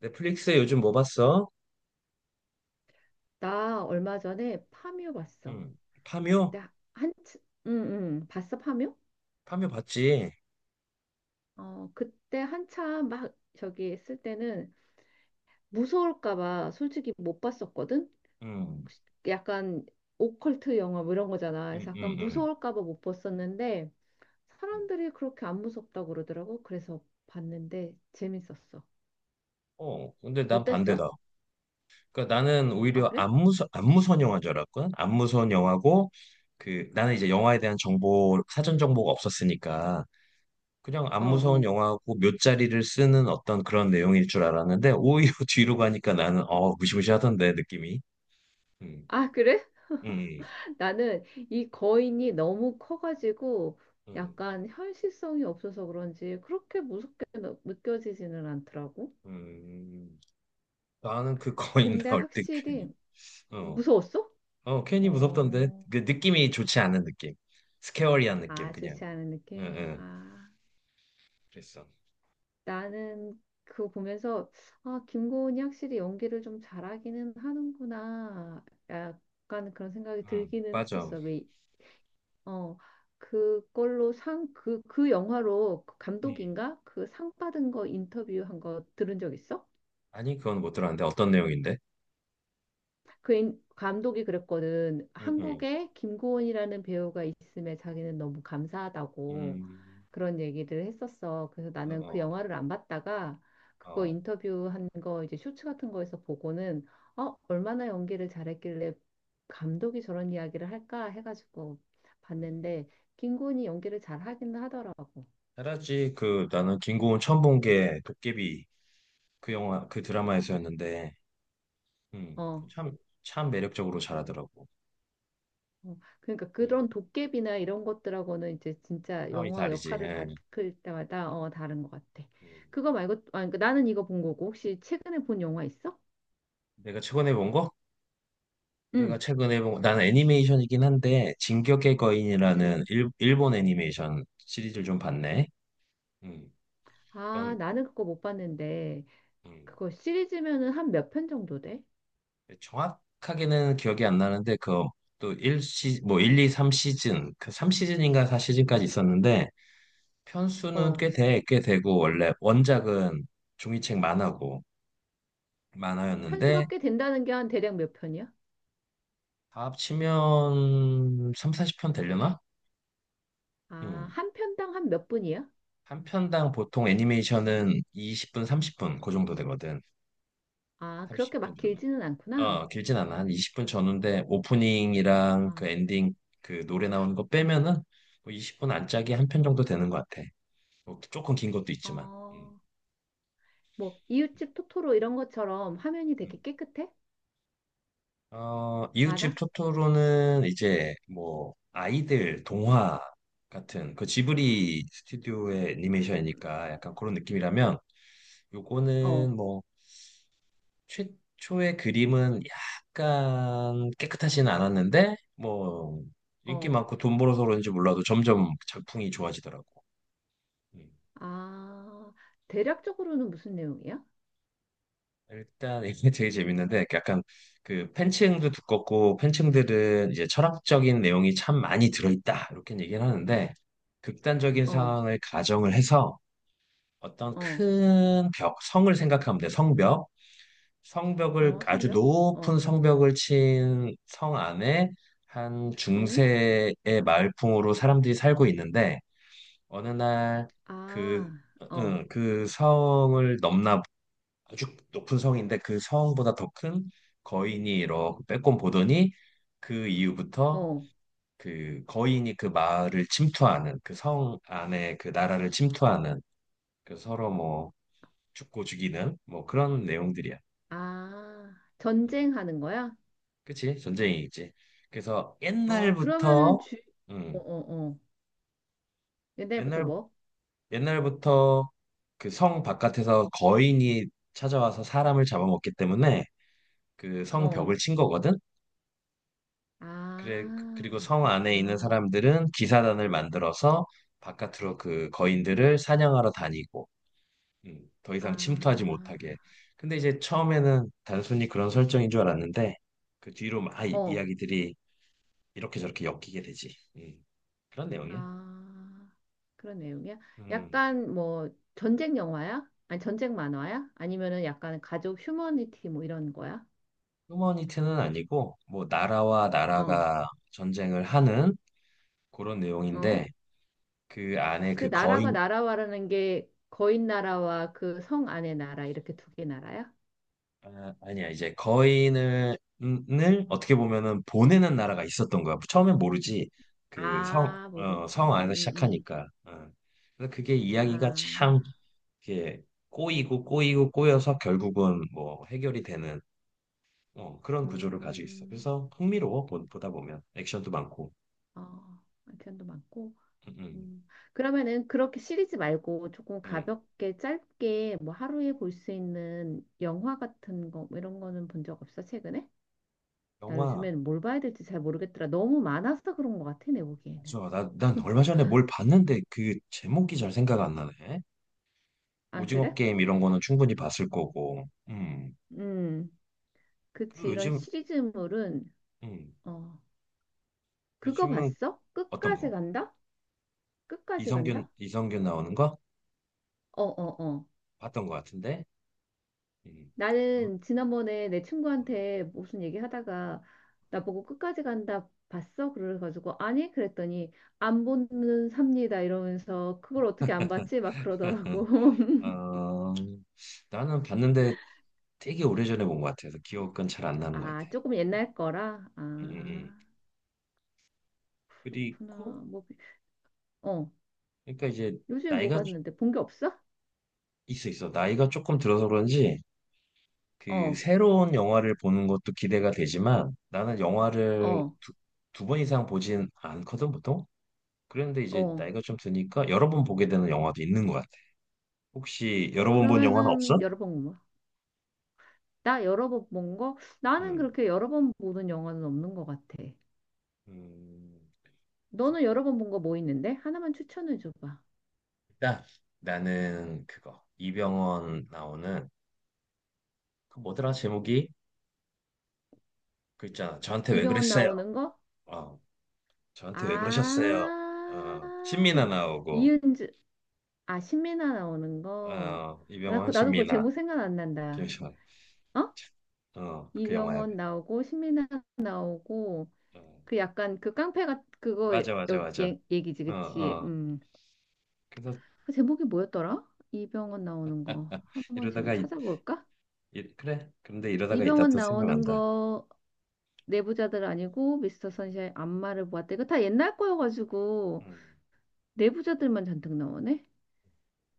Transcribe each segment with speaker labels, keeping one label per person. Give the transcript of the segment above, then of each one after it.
Speaker 1: 넷플릭스에 요즘 뭐 봤어?
Speaker 2: 나 얼마 전에 파묘 봤어.
Speaker 1: 음. 파묘?
Speaker 2: 그때 한, 응, 응, 봤어, 파묘?
Speaker 1: 파묘 봤지?
Speaker 2: 어, 그때 한참 막 저기 했을 때는 무서울까 봐 솔직히 못 봤었거든?
Speaker 1: 음.
Speaker 2: 약간 오컬트 영화 뭐 이런 거잖아.
Speaker 1: 음,
Speaker 2: 그래서 약간
Speaker 1: 음, 음.
Speaker 2: 무서울까 봐 못 봤었는데
Speaker 1: 음.
Speaker 2: 사람들이 그렇게 안 무섭다고 그러더라고. 그래서 봤는데 재밌었어.
Speaker 1: 어, 근데 난
Speaker 2: 어땠어?
Speaker 1: 반대다. 그러니까 나는
Speaker 2: 아,
Speaker 1: 오히려
Speaker 2: 그래?
Speaker 1: 안무선 영화인 줄 알았거든. 안무선 영화고 그 나는 이제 영화에 대한 정보 사전 정보가 없었으니까 그냥
Speaker 2: 어,
Speaker 1: 안무선
Speaker 2: 어.
Speaker 1: 영화고 묫자리를 쓰는 어떤 그런 내용일 줄 알았는데 오히려 뒤로 가니까 나는 무시무시하던데 느낌이. 음.
Speaker 2: 아, 그래?
Speaker 1: 음.
Speaker 2: 나는 이 거인이 너무 커가지고
Speaker 1: 음.
Speaker 2: 약간 현실성이 없어서 그런지 그렇게 무섭게 느껴지지는 않더라고.
Speaker 1: 음. 나는 그 거인
Speaker 2: 근데
Speaker 1: 나올 때 괜히
Speaker 2: 확실히
Speaker 1: 어.
Speaker 2: 무서웠어?
Speaker 1: 어, 괜히 무섭던데.
Speaker 2: 어,
Speaker 1: 그 느낌이 좋지 않은 느낌. 스케어리한 느낌,
Speaker 2: 아,
Speaker 1: 그냥.
Speaker 2: 좋지 않은
Speaker 1: 응,
Speaker 2: 느낌?
Speaker 1: 응.
Speaker 2: 아,
Speaker 1: 그랬어.
Speaker 2: 나는 그거 보면서 아, 김고은이 확실히 연기를 좀 잘하기는 하는구나. 약간 그런 생각이
Speaker 1: 응,
Speaker 2: 들기는
Speaker 1: 맞아.
Speaker 2: 했었어. 왜 어, 그걸로 그 영화로 그
Speaker 1: 응.
Speaker 2: 감독인가? 그 상 받은 거 인터뷰한 거 들은 적 있어?
Speaker 1: 아니, 그건 못 들었는데. 어떤 내용인데?
Speaker 2: 그 감독이 그랬거든.
Speaker 1: 응, 응.
Speaker 2: 한국에 김고은이라는 배우가 있음에 자기는 너무 감사하다고
Speaker 1: 음,
Speaker 2: 그런 얘기를 했었어. 그래서 나는 그
Speaker 1: 어,
Speaker 2: 영화를 안 봤다가
Speaker 1: 어,
Speaker 2: 그거
Speaker 1: 어.
Speaker 2: 인터뷰한 거 이제 쇼츠 같은 거에서 보고는 어, 얼마나 연기를 잘했길래 감독이 저런 이야기를 할까 해가지고
Speaker 1: 음.
Speaker 2: 봤는데 김고은이 연기를 잘 하긴 하더라고.
Speaker 1: 알았지. 그, 나는 김고은 처음 본 게 도깨비 그 영화, 그 드라마에서였는데, 음,
Speaker 2: 어,
Speaker 1: 참, 참 매력적으로 잘하더라고.
Speaker 2: 어, 그러니까
Speaker 1: 음,
Speaker 2: 그런 도깨비나 이런 것들하고는 이제 진짜
Speaker 1: 상황이
Speaker 2: 영화
Speaker 1: 다르지.
Speaker 2: 역할을 받을
Speaker 1: 응.
Speaker 2: 때마다 어, 다른 것 같아.
Speaker 1: 음.
Speaker 2: 그거 말고 아, 그러니까 나는 이거 본 거고 혹시 최근에 본 영화 있어?
Speaker 1: 내가 최근에 본 거? 내가
Speaker 2: 응,
Speaker 1: 최근에 본, 나는 애니메이션이긴 한데, 진격의
Speaker 2: 응.
Speaker 1: 거인이라는 일, 본 애니메이션 시리즈를 좀 봤네. 음,
Speaker 2: 아,
Speaker 1: 그건,
Speaker 2: 나는 그거 못 봤는데
Speaker 1: 음,
Speaker 2: 그거 시리즈면은 한 몇 편 정도 돼?
Speaker 1: 정확하게는 기억이 안 나는데, 그, 또 1시, 뭐일 2, 3시즌, 그 3시즌인가 4시즌까지 있었는데, 편수는
Speaker 2: 어,
Speaker 1: 꽤 되고, 원래 원작은 종이책 만화였는데,
Speaker 2: 편수가 꽤 된다는 게 한 대략 몇 편이야?
Speaker 1: 다 합치면 3, 40편 되려나?
Speaker 2: 아,
Speaker 1: 음,
Speaker 2: 한 편당 한 몇 분이야?
Speaker 1: 한 편당 보통 애니메이션은 20분, 30분, 그 정도 되거든.
Speaker 2: 아, 그렇게
Speaker 1: 30분
Speaker 2: 막
Speaker 1: 전후.
Speaker 2: 길지는 않구나.
Speaker 1: 어, 길진 않아. 한 20분 전후인데 오프닝이랑
Speaker 2: 아,
Speaker 1: 그 엔딩 그 노래 나오는 거 빼면은 뭐 20분 안짝이 한 편 정도 되는 것 같아. 뭐 조금 긴 것도 있지만. 음,
Speaker 2: 어, 뭐 이웃집 토토로 이런 것처럼 화면이
Speaker 1: 음.
Speaker 2: 되게 깨끗해?
Speaker 1: 어, 이웃집
Speaker 2: 많아?
Speaker 1: 토토로는 이제 뭐 아이들 동화 같은 그 지브리 스튜디오의
Speaker 2: 음,
Speaker 1: 애니메이션이니까 약간 그런 느낌이라면
Speaker 2: 어.
Speaker 1: 요거는 뭐 최초의 그림은 약간 깨끗하지는 않았는데 뭐 인기
Speaker 2: 어.
Speaker 1: 많고 돈 벌어서 그런지 몰라도 점점 작품이 좋아지더라고. 음.
Speaker 2: 아, 대략적으로는 무슨 내용이야?
Speaker 1: 일단 이게 되게 재밌는데 약간 그 팬층도 두껍고 팬층들은 이제 철학적인 내용이 참 많이 들어있다 이렇게 얘기를 하는데 극단적인
Speaker 2: 어,
Speaker 1: 상황을 가정을 해서 어떤
Speaker 2: 어,
Speaker 1: 큰 벽, 성을 생각하면 돼. 성벽. 성벽을
Speaker 2: 어,
Speaker 1: 아주
Speaker 2: 성벽?
Speaker 1: 높은
Speaker 2: 어,
Speaker 1: 성벽을 친 성 안에 한
Speaker 2: 응?
Speaker 1: 중세의 마을풍으로 사람들이 살고 있는데 어느 날 그,
Speaker 2: 아, 어,
Speaker 1: 응, 그 성을 넘나 아주 높은 성인데 그 성보다 더 큰 거인이 이렇게 빼꼼 보더니 그 이후부터
Speaker 2: 어,
Speaker 1: 그 거인이 그 마을을 침투하는 그 성 안에 그 나라를 침투하는 그 서로 뭐 죽고 죽이는 뭐 그런 내용들이야.
Speaker 2: 아,
Speaker 1: 응.
Speaker 2: 전쟁하는 거야?
Speaker 1: 그치? 전쟁이 있지. 그래서
Speaker 2: 어,
Speaker 1: 옛날부터,
Speaker 2: 어,
Speaker 1: 음,
Speaker 2: 어, 어. 옛날부터
Speaker 1: 옛날,
Speaker 2: 뭐?
Speaker 1: 옛날부터 그 성 바깥에서 거인이 찾아와서 사람을 잡아먹기 때문에 그 성
Speaker 2: 어,
Speaker 1: 벽을 친 거거든? 그래, 그리고
Speaker 2: 아,
Speaker 1: 성 안에 있는
Speaker 2: 그렇구나.
Speaker 1: 사람들은 기사단을 만들어서 바깥으로 그 거인들을 사냥하러 다니고, 더
Speaker 2: 아,
Speaker 1: 이상 침투하지 못하게. 근데 이제 처음에는 단순히 그런 설정인 줄 알았는데, 그 뒤로 막 아,
Speaker 2: 어,
Speaker 1: 이야기들이 이렇게 저렇게 엮이게 되지. 그런 내용이야.
Speaker 2: 아, 그런 내용이야?
Speaker 1: 음,
Speaker 2: 약간 뭐, 전쟁 영화야? 아니, 전쟁 만화야? 아니면은 약간 가족 휴머니티 뭐 이런 거야?
Speaker 1: 휴머니티는 아니고 뭐 나라와
Speaker 2: 어.
Speaker 1: 나라가 전쟁을 하는 그런
Speaker 2: 어?
Speaker 1: 내용인데 그 안에
Speaker 2: 그
Speaker 1: 그
Speaker 2: 나라가
Speaker 1: 거인
Speaker 2: 나라와라는 게 거인 나라와 그 성 안의 나라 이렇게 두 개 나라야?
Speaker 1: 아, 아니야 이제 거인을 을 어떻게 보면은 보내는 나라가 있었던 거야. 처음엔 모르지 그 성,
Speaker 2: 아, 모르.
Speaker 1: 어, 성 안에서
Speaker 2: 음.
Speaker 1: 시작하니까. 어. 그래서 그게 이야기가 참
Speaker 2: 아.
Speaker 1: 이렇게 꼬이고 꼬이고 꼬여서 결국은 뭐 해결이 되는 어, 그런 구조를 가지고 있어.
Speaker 2: 음.
Speaker 1: 그래서 흥미로워 보다 보면 액션도 많고.
Speaker 2: 어. 아이템도 많고.
Speaker 1: 음, 음.
Speaker 2: 음. 그러면은 그렇게 시리즈 말고 조금
Speaker 1: 음.
Speaker 2: 가볍게 짧게 뭐 하루에 볼 수 있는 영화 같은 거뭐 이런 거는 본 적 없어, 최근에? 나
Speaker 1: 영화
Speaker 2: 요즘엔 뭘 봐야 될지 잘 모르겠더라. 너무 많아서 그런 것 같아, 내 보기에는.
Speaker 1: 난 얼마 전에 뭘 봤는데 그 제목이 잘 생각 안 나네.
Speaker 2: 아,
Speaker 1: 오징어
Speaker 2: 그래?
Speaker 1: 게임 이런 거는 충분히 봤을 거고. 음.
Speaker 2: 음. 그치.
Speaker 1: 그리고
Speaker 2: 이런
Speaker 1: 요즘,
Speaker 2: 시리즈물은
Speaker 1: 음.
Speaker 2: 어, 그거
Speaker 1: 요즘은
Speaker 2: 봤어?
Speaker 1: 어떤
Speaker 2: 끝까지
Speaker 1: 거?
Speaker 2: 간다? 끝까지 간다?
Speaker 1: 이성균 나오는 거?
Speaker 2: 어, 어, 어.
Speaker 1: 봤던 거 같은데? 음. 어,
Speaker 2: 나는 지난번에 내 친구한테 무슨 얘기 하다가 나보고 끝까지 간다 봤어? 그래가지고 아니? 그랬더니 안 보는 삽니다 이러면서 그걸 어떻게 안 봤지? 막 그러더라고.
Speaker 1: 어, 나는 봤는데 되게 오래전에 본 것 같아서 기억은 잘 안 나는 것 같아.
Speaker 2: 아, 조금 옛날 거라?
Speaker 1: 음, 음.
Speaker 2: 아,
Speaker 1: 그리고,
Speaker 2: 그렇구나. 뭐, 어.
Speaker 1: 그러니까 이제
Speaker 2: 요즘에 뭐
Speaker 1: 나이가
Speaker 2: 봤는데 본 게 없어?
Speaker 1: 있어. 나이가 조금 들어서 그런지 그
Speaker 2: 어,
Speaker 1: 새로운 영화를 보는 것도 기대가 되지만 나는 영화를
Speaker 2: 어,
Speaker 1: 두 번 이상 보진 않거든 보통. 그런데 이제
Speaker 2: 어.
Speaker 1: 나이가 좀 드니까 여러 번 보게 되는 영화도 있는 것 같아. 혹시 여러 번 본 영화는 없어?
Speaker 2: 그러면은 여러 번 나 여러 번 본 거? 나는
Speaker 1: 음,
Speaker 2: 그렇게 여러 번 보는 영화는 없는 것 같아.
Speaker 1: 음,
Speaker 2: 너는 여러 번 본 거 뭐 있는데? 하나만 추천해 줘봐.
Speaker 1: 일단 나는 그거 이병헌 나오는 그 뭐더라 제목이 그 있잖아. 저한테 왜
Speaker 2: 이병헌
Speaker 1: 그랬어요?
Speaker 2: 나오는 거?
Speaker 1: 어, 저한테 왜 그러셨어요? 어, 신민아
Speaker 2: 아,
Speaker 1: 나오고
Speaker 2: 이은주, 아, 신민아 나오는 거.
Speaker 1: 어, 이병헌
Speaker 2: 나도 그
Speaker 1: 신민아
Speaker 2: 제목 생각 안 난다.
Speaker 1: 김시환
Speaker 2: 어?
Speaker 1: 어, 그 영화야.
Speaker 2: 이병헌 나오고, 신민아 나오고,
Speaker 1: 어,
Speaker 2: 그 약간 그 깡패가 그거
Speaker 1: 맞아, 맞아, 맞아.
Speaker 2: 얘기지,
Speaker 1: 어,
Speaker 2: 그치?
Speaker 1: 어.
Speaker 2: 음.
Speaker 1: 그래서
Speaker 2: 그 제목이 뭐였더라? 이병헌 나오는 거. 한번 지금
Speaker 1: 이러다가
Speaker 2: 찾아볼까?
Speaker 1: 그래. 그런데 이러다가 이따
Speaker 2: 이병헌
Speaker 1: 또
Speaker 2: 나오는
Speaker 1: 생각난다.
Speaker 2: 거 내부자들 아니고 미스터 선샤인 안마를 보았다. 이거 다 옛날 거여가지고
Speaker 1: 음.
Speaker 2: 내부자들만 잔뜩 나오네.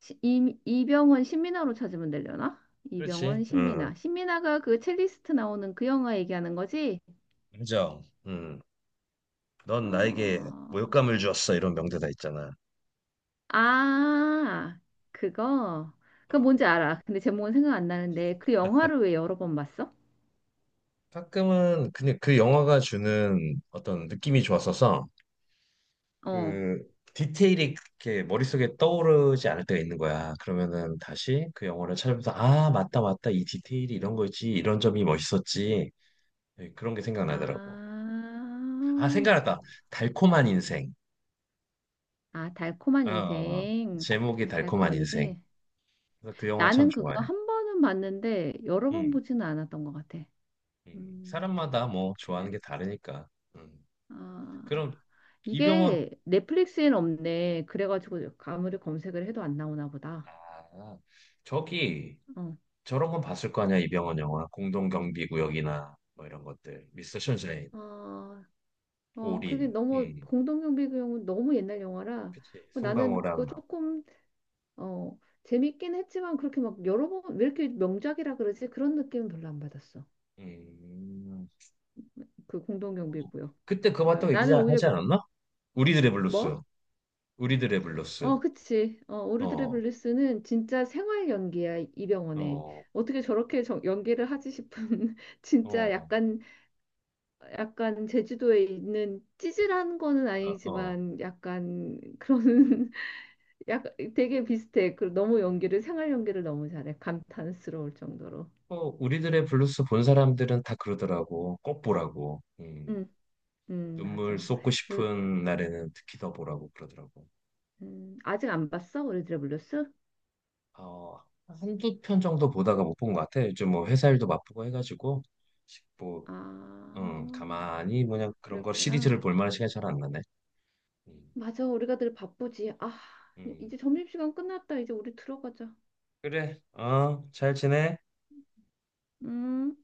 Speaker 2: 이병헌 신민아로 찾으면 되려나?
Speaker 1: 그렇지.
Speaker 2: 이병헌
Speaker 1: 음.
Speaker 2: 신민아. 신민아가 그 첼리스트 나오는 그 영화 얘기하는 거지?
Speaker 1: 인정. 음. 넌 나에게
Speaker 2: 어...
Speaker 1: 모욕감을 주었어. 이런 명대사 있잖아.
Speaker 2: 아, 그거. 그거
Speaker 1: 어.
Speaker 2: 뭔지 알아. 근데 제목은 생각 안 나는데 그 영화를 왜 여러 번 봤어?
Speaker 1: 가끔은 그냥 그 영화가 주는 어떤 느낌이 좋았어서
Speaker 2: 어.
Speaker 1: 그 디테일이 이렇게 머릿속에 떠오르지 않을 때가 있는 거야. 그러면은 다시 그 영화를 찾아보면서 아, 맞다, 맞다. 이 디테일이 이런 거였지. 이런 점이 멋있었지. 예, 그런 게 생각나더라고.
Speaker 2: 아,
Speaker 1: 아, 생각났다. 달콤한 인생.
Speaker 2: 아, 달콤한
Speaker 1: 어, 어, 어.
Speaker 2: 인생.
Speaker 1: 제목이 달콤한
Speaker 2: 달콤한
Speaker 1: 인생.
Speaker 2: 인생.
Speaker 1: 그래서 그 영화 참
Speaker 2: 나는
Speaker 1: 좋아해.
Speaker 2: 그거 한 번은 봤는데 여러 번
Speaker 1: 음,
Speaker 2: 보지는 않았던 것 같아. 음,
Speaker 1: 사람마다 뭐
Speaker 2: 그냥
Speaker 1: 좋아하는 게 다르니까. 음.
Speaker 2: 아
Speaker 1: 그럼 이병헌,
Speaker 2: 이게 넷플릭스엔 없네. 그래가지고 아무리 검색을 해도 안 나오나 보다.
Speaker 1: 아, 저기
Speaker 2: 어,
Speaker 1: 저런 건 봤을 거 아니야, 이병헌 영화. 공동경비구역이나 뭐 이런 것들. 미스터 션샤인,
Speaker 2: 어, 어 그게
Speaker 1: 올인.
Speaker 2: 너무 공동경비 그 영화 너무 옛날 영화라
Speaker 1: 그치.
Speaker 2: 뭐 나는 그거
Speaker 1: 송강호랑.
Speaker 2: 조금 어 재밌긴 했지만 그렇게 막 여러 번 왜 이렇게 명작이라 그러지? 그런 느낌은 별로 안 받았어.
Speaker 1: 음.
Speaker 2: 그 공동경비고요.
Speaker 1: 그때 그거
Speaker 2: 그다음
Speaker 1: 봤다고
Speaker 2: 나는 오히려
Speaker 1: 얘기하지 않았나? 우리들의 블루스.
Speaker 2: 뭐?
Speaker 1: 우리들의 블루스.
Speaker 2: 어, 그치. 어, 오르드레
Speaker 1: 어,
Speaker 2: 블리스는 진짜 생활 연기야, 이병헌에.
Speaker 1: 어,
Speaker 2: 어떻게 저렇게 연기를 하지 싶은, 진짜
Speaker 1: 어.
Speaker 2: 약간, 약간 제주도에 있는 찌질한 거는
Speaker 1: 어, 어.
Speaker 2: 아니지만, 약간 그런, 약간 되게 비슷해. 그 너무
Speaker 1: 음.
Speaker 2: 연기를, 생활 연기를 너무 잘해. 감탄스러울 정도로.
Speaker 1: 뭐 우리들의 블루스 본 사람들은 다 그러더라고. 꼭 보라고.
Speaker 2: 응, 응,
Speaker 1: 눈물
Speaker 2: 맞아.
Speaker 1: 쏟고
Speaker 2: 그,
Speaker 1: 싶은 날에는 특히 더 보라고 그러더라고.
Speaker 2: 아직 안 봤어? 오르드레 블리스?
Speaker 1: 어, 한두 편 정도 보다가 못 본 것 같아. 요즘 뭐 회사 일도 바쁘고 해가지고 뭐
Speaker 2: 아,
Speaker 1: 가만히 뭐냐 그런 걸
Speaker 2: 그랬구나.
Speaker 1: 시리즈를 볼 만한 시간이 잘 안 나네. 음,
Speaker 2: 맞아, 우리가 늘 바쁘지. 아,
Speaker 1: 음.
Speaker 2: 이제 점심시간 끝났다. 이제 우리 들어가자.
Speaker 1: 그래, 어, 잘 지내.
Speaker 2: 음.